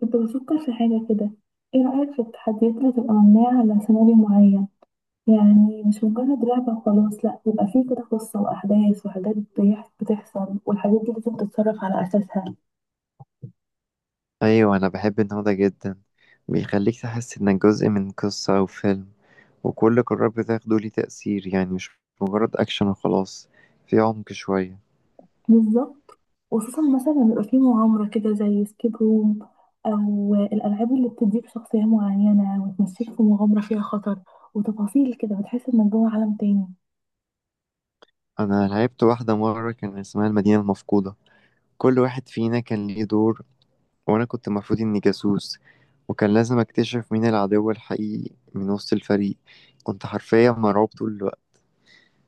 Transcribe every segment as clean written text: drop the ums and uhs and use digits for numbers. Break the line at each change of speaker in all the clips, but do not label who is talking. كنت بفكر في حاجة كده. ايه رأيك في التحديات اللي تبقى مبنية على سيناريو معين؟ يعني مش مجرد لعبة وخلاص، لأ، بيبقى فيه كده قصة وأحداث وحاجات بتحصل والحاجات دي لازم تتصرف على أساسها.
ايوه، انا بحب النوع ده جدا. بيخليك تحس انك جزء من قصة او فيلم، وكل قرار بتاخده ليه تأثير، يعني مش مجرد اكشن وخلاص، في عمق شوية.
بالظبط. وخصوصا مثلا بيبقى فيه مغامرة كده زي سكيب روم، أو الألعاب اللي بتديك شخصية معينة وتمشيك في مغامرة فيها خطر وتفاصيل كده، بتحس إنك جوه عالم تاني.
انا لعبت واحدة مرة كان اسمها المدينة المفقودة، كل واحد فينا كان ليه دور، وانا كنت المفروض اني جاسوس، وكان لازم اكتشف مين العدو الحقيقي من وسط الفريق. كنت حرفيا مرعوب طول الوقت.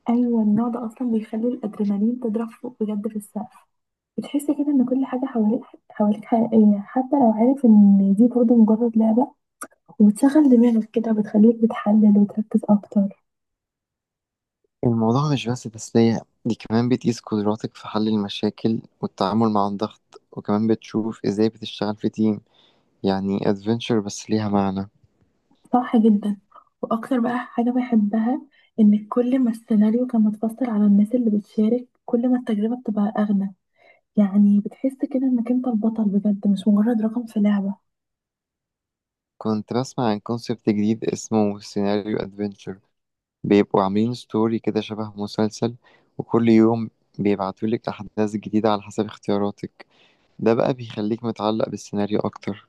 ايوه، النوع ده اصلا بيخلي الادرينالين تضرب فوق بجد في السقف. بتحس كده ان كل حاجه حواليك حقيقيه، حتى لو عارف ان دي برضه مجرد لعبه. وبتشغل دماغك كده، وبتخليك بتحلل وتركز اكتر.
الموضوع مش بس تسلية، دي كمان بتقيس قدراتك في حل المشاكل والتعامل مع الضغط، وكمان بتشوف ازاي بتشتغل في تيم. يعني ادفنتشر بس ليها معنى.
صح جدا. واكتر بقى حاجه بحبها، ان كل ما السيناريو كان متفصل على الناس اللي بتشارك، كل ما التجربه بتبقى اغنى. يعني بتحس كده انك انت البطل بجد، مش مجرد رقم في لعبه.
كنت بسمع عن كونسبت جديد اسمه سيناريو ادفنتشر، بيبقوا عاملين ستوري كده شبه مسلسل، وكل يوم بيبعتولك أحداث جديدة على حسب اختياراتك. ده بقى بيخليك متعلق بالسيناريو أكتر.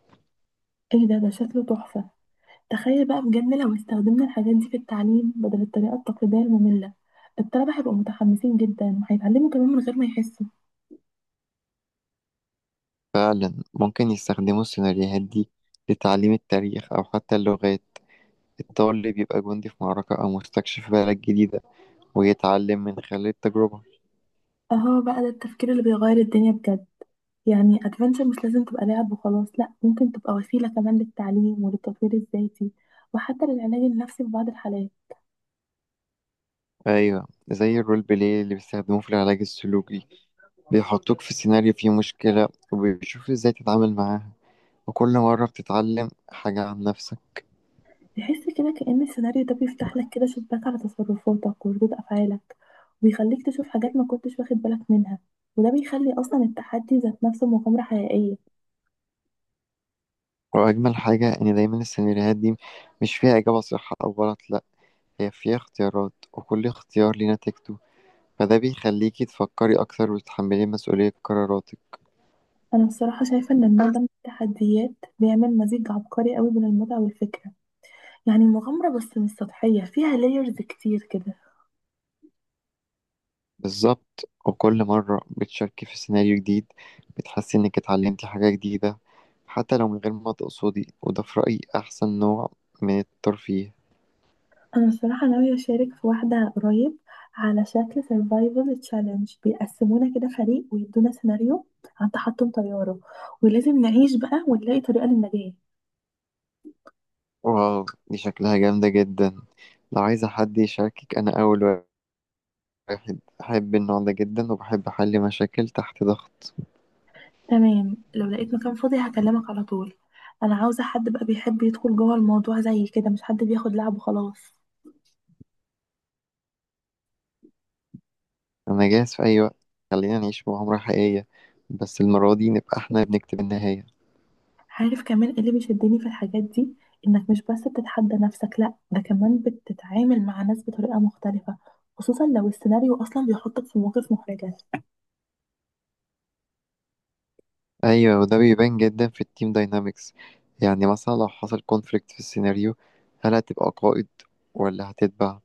ايه ده؟ ده شكله تحفه. تخيل بقى بجد لو استخدمنا الحاجات دي في التعليم بدل الطريقة التقليدية المملة، الطلبة هيبقوا متحمسين جدا وهيتعلموا كمان من غير ما يحسوا.
فعلا ممكن يستخدموا السيناريوهات دي لتعليم التاريخ أو حتى اللغات، الطالب بيبقى جندي في معركة أو مستكشف في بلد جديدة، ويتعلم من خلال التجربة.
اهو بقى ده التفكير اللي بيغير الدنيا بجد. يعني ادفنتشر مش لازم تبقى لعب وخلاص، لا، ممكن تبقى وسيلة كمان للتعليم وللتطوير الذاتي، وحتى للعلاج النفسي في بعض الحالات.
أيوة، زي الرول بلاي اللي بيستخدموه في العلاج السلوكي، بيحطوك في سيناريو فيه مشكلة وبيشوف إزاي تتعامل معاها، وكل مرة بتتعلم حاجة عن نفسك.
تحس كده كأن السيناريو ده بيفتح لك كده شباك على تصرفاتك وردود أفعالك، وبيخليك تشوف حاجات ما كنتش واخد بالك منها. وده بيخلي أصلا التحدي ذات نفسه مغامرة حقيقية.
وأجمل حاجة إن دايما السيناريوهات دي مش فيها إجابة صح أو غلط، لأ، هي فيها اختيارات وكل اختيار ليه نتيجته، فده بيخليكي تفكري أكتر وتتحملي مسؤولية قراراتك.
أنا الصراحة شايفة إن النوع ده من التحديات بيعمل مزيج عبقري قوي بين المتعة والفكرة. يعني مغامرة بس مش سطحية، فيها لايرز كتير كده.
بالظبط، وكل مرة بتشاركي في سيناريو جديد بتحسي إنك اتعلمتي حاجة جديدة، حتى لو من غير ما تقصدي، وده في رأيي أحسن نوع من الترفيه.
أنا الصراحة ناوية أشارك في واحدة قريب، على شكل survival challenge. بيقسمونا كده فريق ويدونا سيناريو عن تحطم طيارة، ولازم نعيش بقى ونلاقي طريقة للنجاة.
واو، دي شكلها جامدة جدا. لو عايزة حد يشاركك، أنا أول واحد بحب النوع ده جدا وبحب أحل مشاكل تحت ضغط.
تمام، لو لقيت مكان فاضي هكلمك على طول. أنا عاوزة حد بقى بيحب يدخل جوه الموضوع زي كده، مش حد بياخد لعب وخلاص.
أنا جاهز في أي وقت، خلينا نعيش مغامرة حقيقية، بس المرة دي نبقى احنا بنكتب النهاية.
عارف كمان ايه اللي بيشدني في الحاجات دي؟ انك مش بس بتتحدى نفسك، لا، ده كمان بتتعامل مع ناس بطريقة مختلفة، خصوصا لو السيناريو اصلا بيحطك في مواقف محرجة.
ايوه، وده بيبان جدا في التيم داينامكس. يعني مثلا لو حصل كونفليكت في السيناريو، هل هتبقى قائد ولا هتتبع؟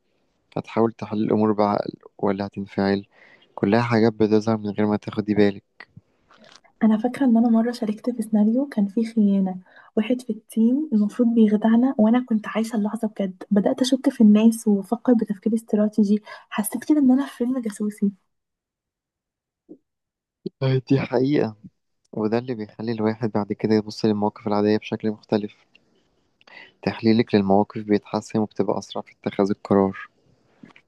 هتحاول تحل الامور بعقل ولا هتنفعل؟ كلها حاجات بتظهر من غير ما تاخدي بالك.
انا فاكرة ان انا مرة شاركت في سيناريو كان فيه خيانة، واحد في التيم المفروض بيخدعنا، وانا كنت عايشة اللحظة بجد، بدأت اشك في الناس وافكر بتفكير استراتيجي. حسيت كده ان انا في فيلم جاسوسي.
آه، دي حقيقة. وده اللي بيخلي الواحد بعد كده يبص للمواقف العادية بشكل مختلف، تحليلك للمواقف بيتحسن وبتبقى أسرع في اتخاذ القرار.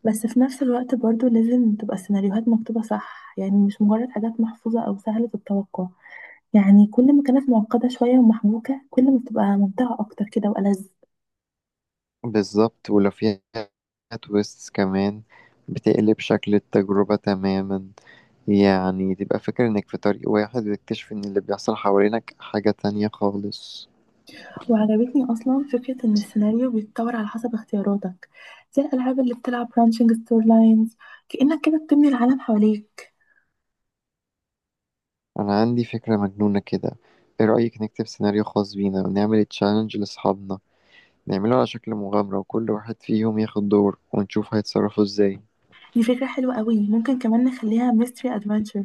بس في نفس الوقت برضو لازم تبقى السيناريوهات مكتوبة صح، يعني مش مجرد حاجات محفوظة او سهلة التوقع. يعني كل ما كانت معقدة شوية ومحبوكة، كل ما بتبقى ممتعة أكتر كده وألذ.
بالظبط، ولو فيها تويستس كمان بتقلب شكل التجربة تماما، يعني تبقى فاكر انك في طريق واحد وتكتشف ان اللي بيحصل حوالينك حاجة تانية خالص.
وعجبتني أصلا فكرة إن السيناريو بيتطور على حسب اختياراتك، زي الألعاب اللي بتلعب برانشنج ستور لاينز. كأنك كده بتبني العالم حواليك.
انا عندي فكرة مجنونة كده، ايه رأيك نكتب سيناريو خاص بينا ونعمل تشالنج لاصحابنا؟ نعمله على شكل مغامرة وكل واحد فيهم ياخد دور، ونشوف هيتصرفوا ازاي.
دي فكرة حلوة قوي. ممكن كمان نخليها ميستري أدفنتشر،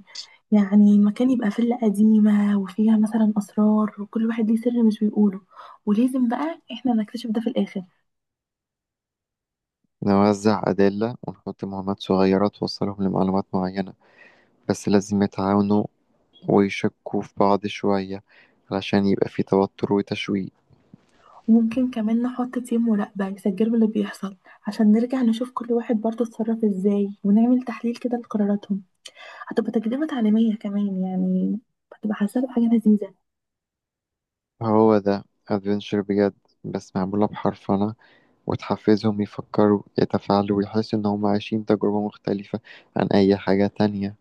يعني مكان يبقى فيلا قديمة وفيها مثلا أسرار، وكل واحد ليه سر مش بيقوله، ولازم بقى إحنا نكتشف ده في الآخر.
نوزع أدلة ونحط مهمات صغيرة توصلهم لمعلومات معينة، بس لازم يتعاونوا ويشكوا في بعض شوية، علشان يبقى في توتر وتشويق.
ممكن كمان نحط تيم مراقبة يسجلوا اللي بيحصل، عشان نرجع نشوف كل واحد برضه اتصرف ازاي، ونعمل تحليل كده لقراراتهم. هتبقى تجربة تعليمية كمان يعني، هتبقى حاسة بحاجة لذيذة.
هو ده أدفنشر بجد، بس معمولة بحرفنة، وتحفزهم يفكروا يتفاعلوا ويحسوا إن هم عايشين تجربة مختلفة عن أي حاجة تانية.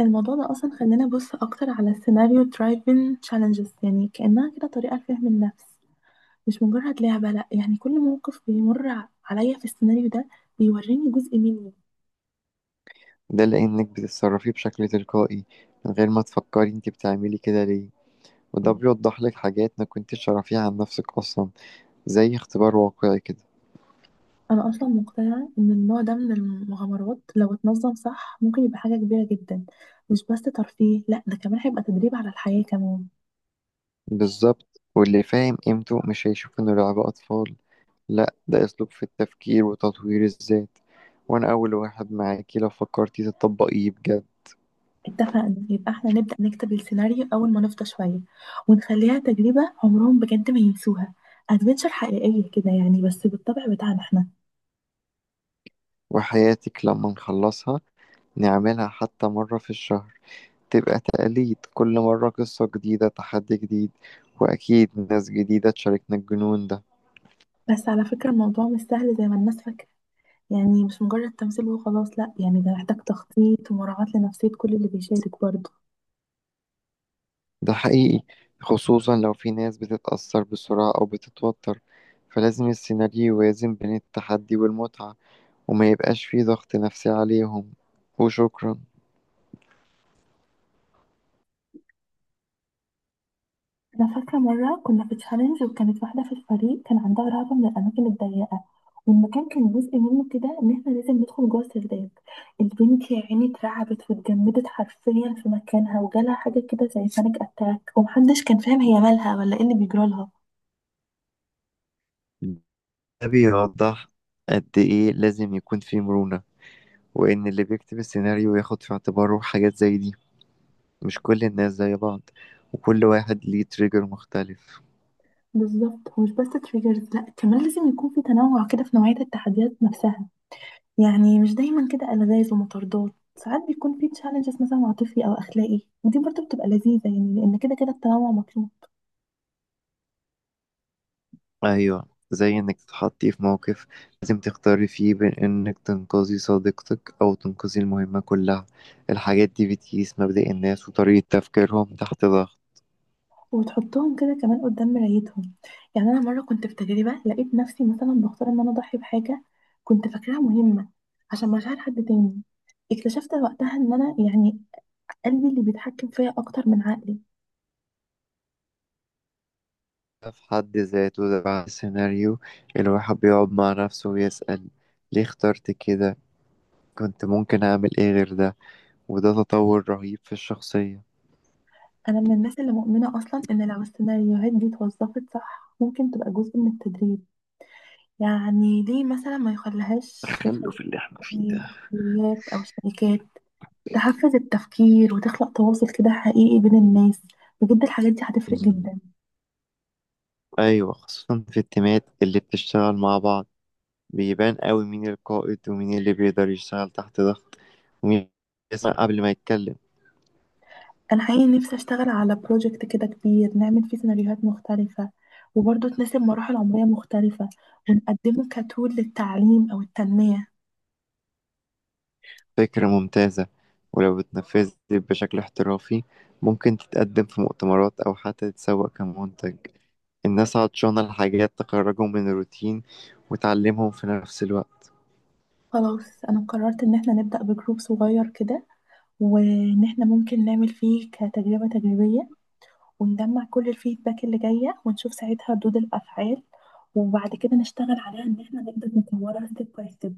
الموضوع ده أصلا خلاني أبص أكتر على السيناريو درايفين تشالنجز، يعني كأنها كده طريقة لفهم النفس، مش مجرد لعبة، لأ. يعني كل موقف بيمر عليا في السيناريو ده، بيوريني جزء مني.
ده لأنك بتتصرفي بشكل تلقائي من غير ما تفكري انت بتعملي كده ليه، وده بيوضح لك حاجات ما كنتش تعرفيها عن نفسك أصلا، زي اختبار واقعي كده.
أنا أصلا مقتنعة إن النوع ده من المغامرات لو اتنظم صح ممكن يبقى حاجة كبيرة جدا، مش بس ترفيه، لأ، ده كمان هيبقى تدريب على الحياة كمان.
بالظبط، واللي فاهم قيمته مش هيشوف إنه لعبة أطفال، لأ، ده أسلوب في التفكير وتطوير الذات، وأنا أول واحد معاكي لو فكرتي تطبقيه بجد.
اتفقنا. يبقى احنا نبدأ نكتب السيناريو أول ما نفضى شوية، ونخليها تجربة عمرهم بجد ما ينسوها. أدفنتشر حقيقية كده يعني، بس بالطبع بتاعنا احنا.
وحياتك لما نخلصها نعملها حتى مرة في الشهر، تبقى تقاليد، كل مرة قصة جديدة، تحدي جديد، وأكيد ناس جديدة تشاركنا الجنون ده.
بس على فكرة، الموضوع مش سهل زي ما الناس فاكرة. يعني مش مجرد تمثيل وخلاص، لأ، يعني ده محتاج تخطيط ومراعاة لنفسية كل اللي بيشارك برضه.
ده حقيقي، خصوصا لو في ناس بتتأثر بسرعة أو بتتوتر، فلازم السيناريو يوازن بين التحدي والمتعة، وما يبقاش فيه ضغط نفسي عليهم. وشكرا.
أنا فاكرة مرة كنا في تشالنج، وكانت واحدة في الفريق كان عندها رهبة من الأماكن الضيقة، والمكان كان جزء منه كده إن إحنا لازم ندخل جوه السرداب. البنت يا عيني اترعبت واتجمدت حرفيا في مكانها، وجالها حاجة كده زي بانيك أتاك، ومحدش كان فاهم هي مالها ولا إيه اللي بيجرالها.
ده بيوضح قد إيه لازم يكون في مرونة، وإن اللي بيكتب السيناريو ياخد في اعتباره حاجات زي دي، مش كل الناس زي بعض، وكل واحد ليه تريجر مختلف.
بالظبط. ومش بس تريجرز، لأ، كمان لازم يكون في تنوع كده في نوعية التحديات نفسها. يعني مش دايما كده ألغاز ومطاردات، ساعات بيكون في تشالنجز مثلا عاطفي أو أخلاقي، ودي برضه بتبقى لذيذة يعني، لأن كده كده التنوع مطلوب.
أيوة، زي إنك تتحطي في موقف لازم تختاري فيه بين إنك تنقذي صديقتك أو تنقذي المهمة كلها، الحاجات دي بتقيس مبدأ الناس وطريقة تفكيرهم تحت ضغط.
وبتحطهم كده كمان قدام مرايتهم. يعني انا مره كنت في تجربه لقيت نفسي مثلا بختار ان انا اضحي بحاجه كنت فاكراها مهمه عشان مشاعر حد تاني. اكتشفت وقتها ان انا يعني قلبي اللي بيتحكم فيا اكتر من عقلي.
ده في حد ذاته، ده بعد السيناريو الواحد بيقعد مع نفسه ويسأل، ليه اخترت كده؟ كنت ممكن أعمل إيه غير ده؟ وده تطور رهيب في الشخصية.
انا من الناس اللي مؤمنه اصلا ان لو السيناريوهات دي اتوظفت صح ممكن تبقى جزء من التدريب. يعني ليه مثلا ما يخليهاش في
تخلف اللي احنا فيه ده.
التدريبات او الشركات تحفز التفكير وتخلق تواصل كده حقيقي بين الناس؟ بجد الحاجات دي هتفرق
مم.
جدا.
أيوة، خصوصا في التيمات اللي بتشتغل مع بعض، بيبان قوي مين القائد، ومين اللي بيقدر يشتغل تحت ضغط، ومين يسمع قبل ما يتكلم.
انا حقيقي نفسي اشتغل على بروجكت كده كبير، نعمل فيه سيناريوهات مختلفة، وبرضه تناسب مراحل عمرية مختلفة، ونقدمه كتول للتعليم او التنمية.
فكرة ممتازة، ولو اتنفذت بشكل احترافي، ممكن تتقدم في مؤتمرات أو حتى تتسوق كمنتج. الناس عطشانة لحاجات تخرجهم من الروتين وتعلمهم في نفس الوقت.
خلاص، انا قررت ان احنا نبدأ بجروب صغير كده، وان احنا ممكن نعمل فيه كتجربة تجريبية، ونجمع كل الفيدباك اللي جاية ونشوف ساعتها ردود الافعال. وبعد كده نشتغل عليها ان احنا نقدر نطورها ستيب باي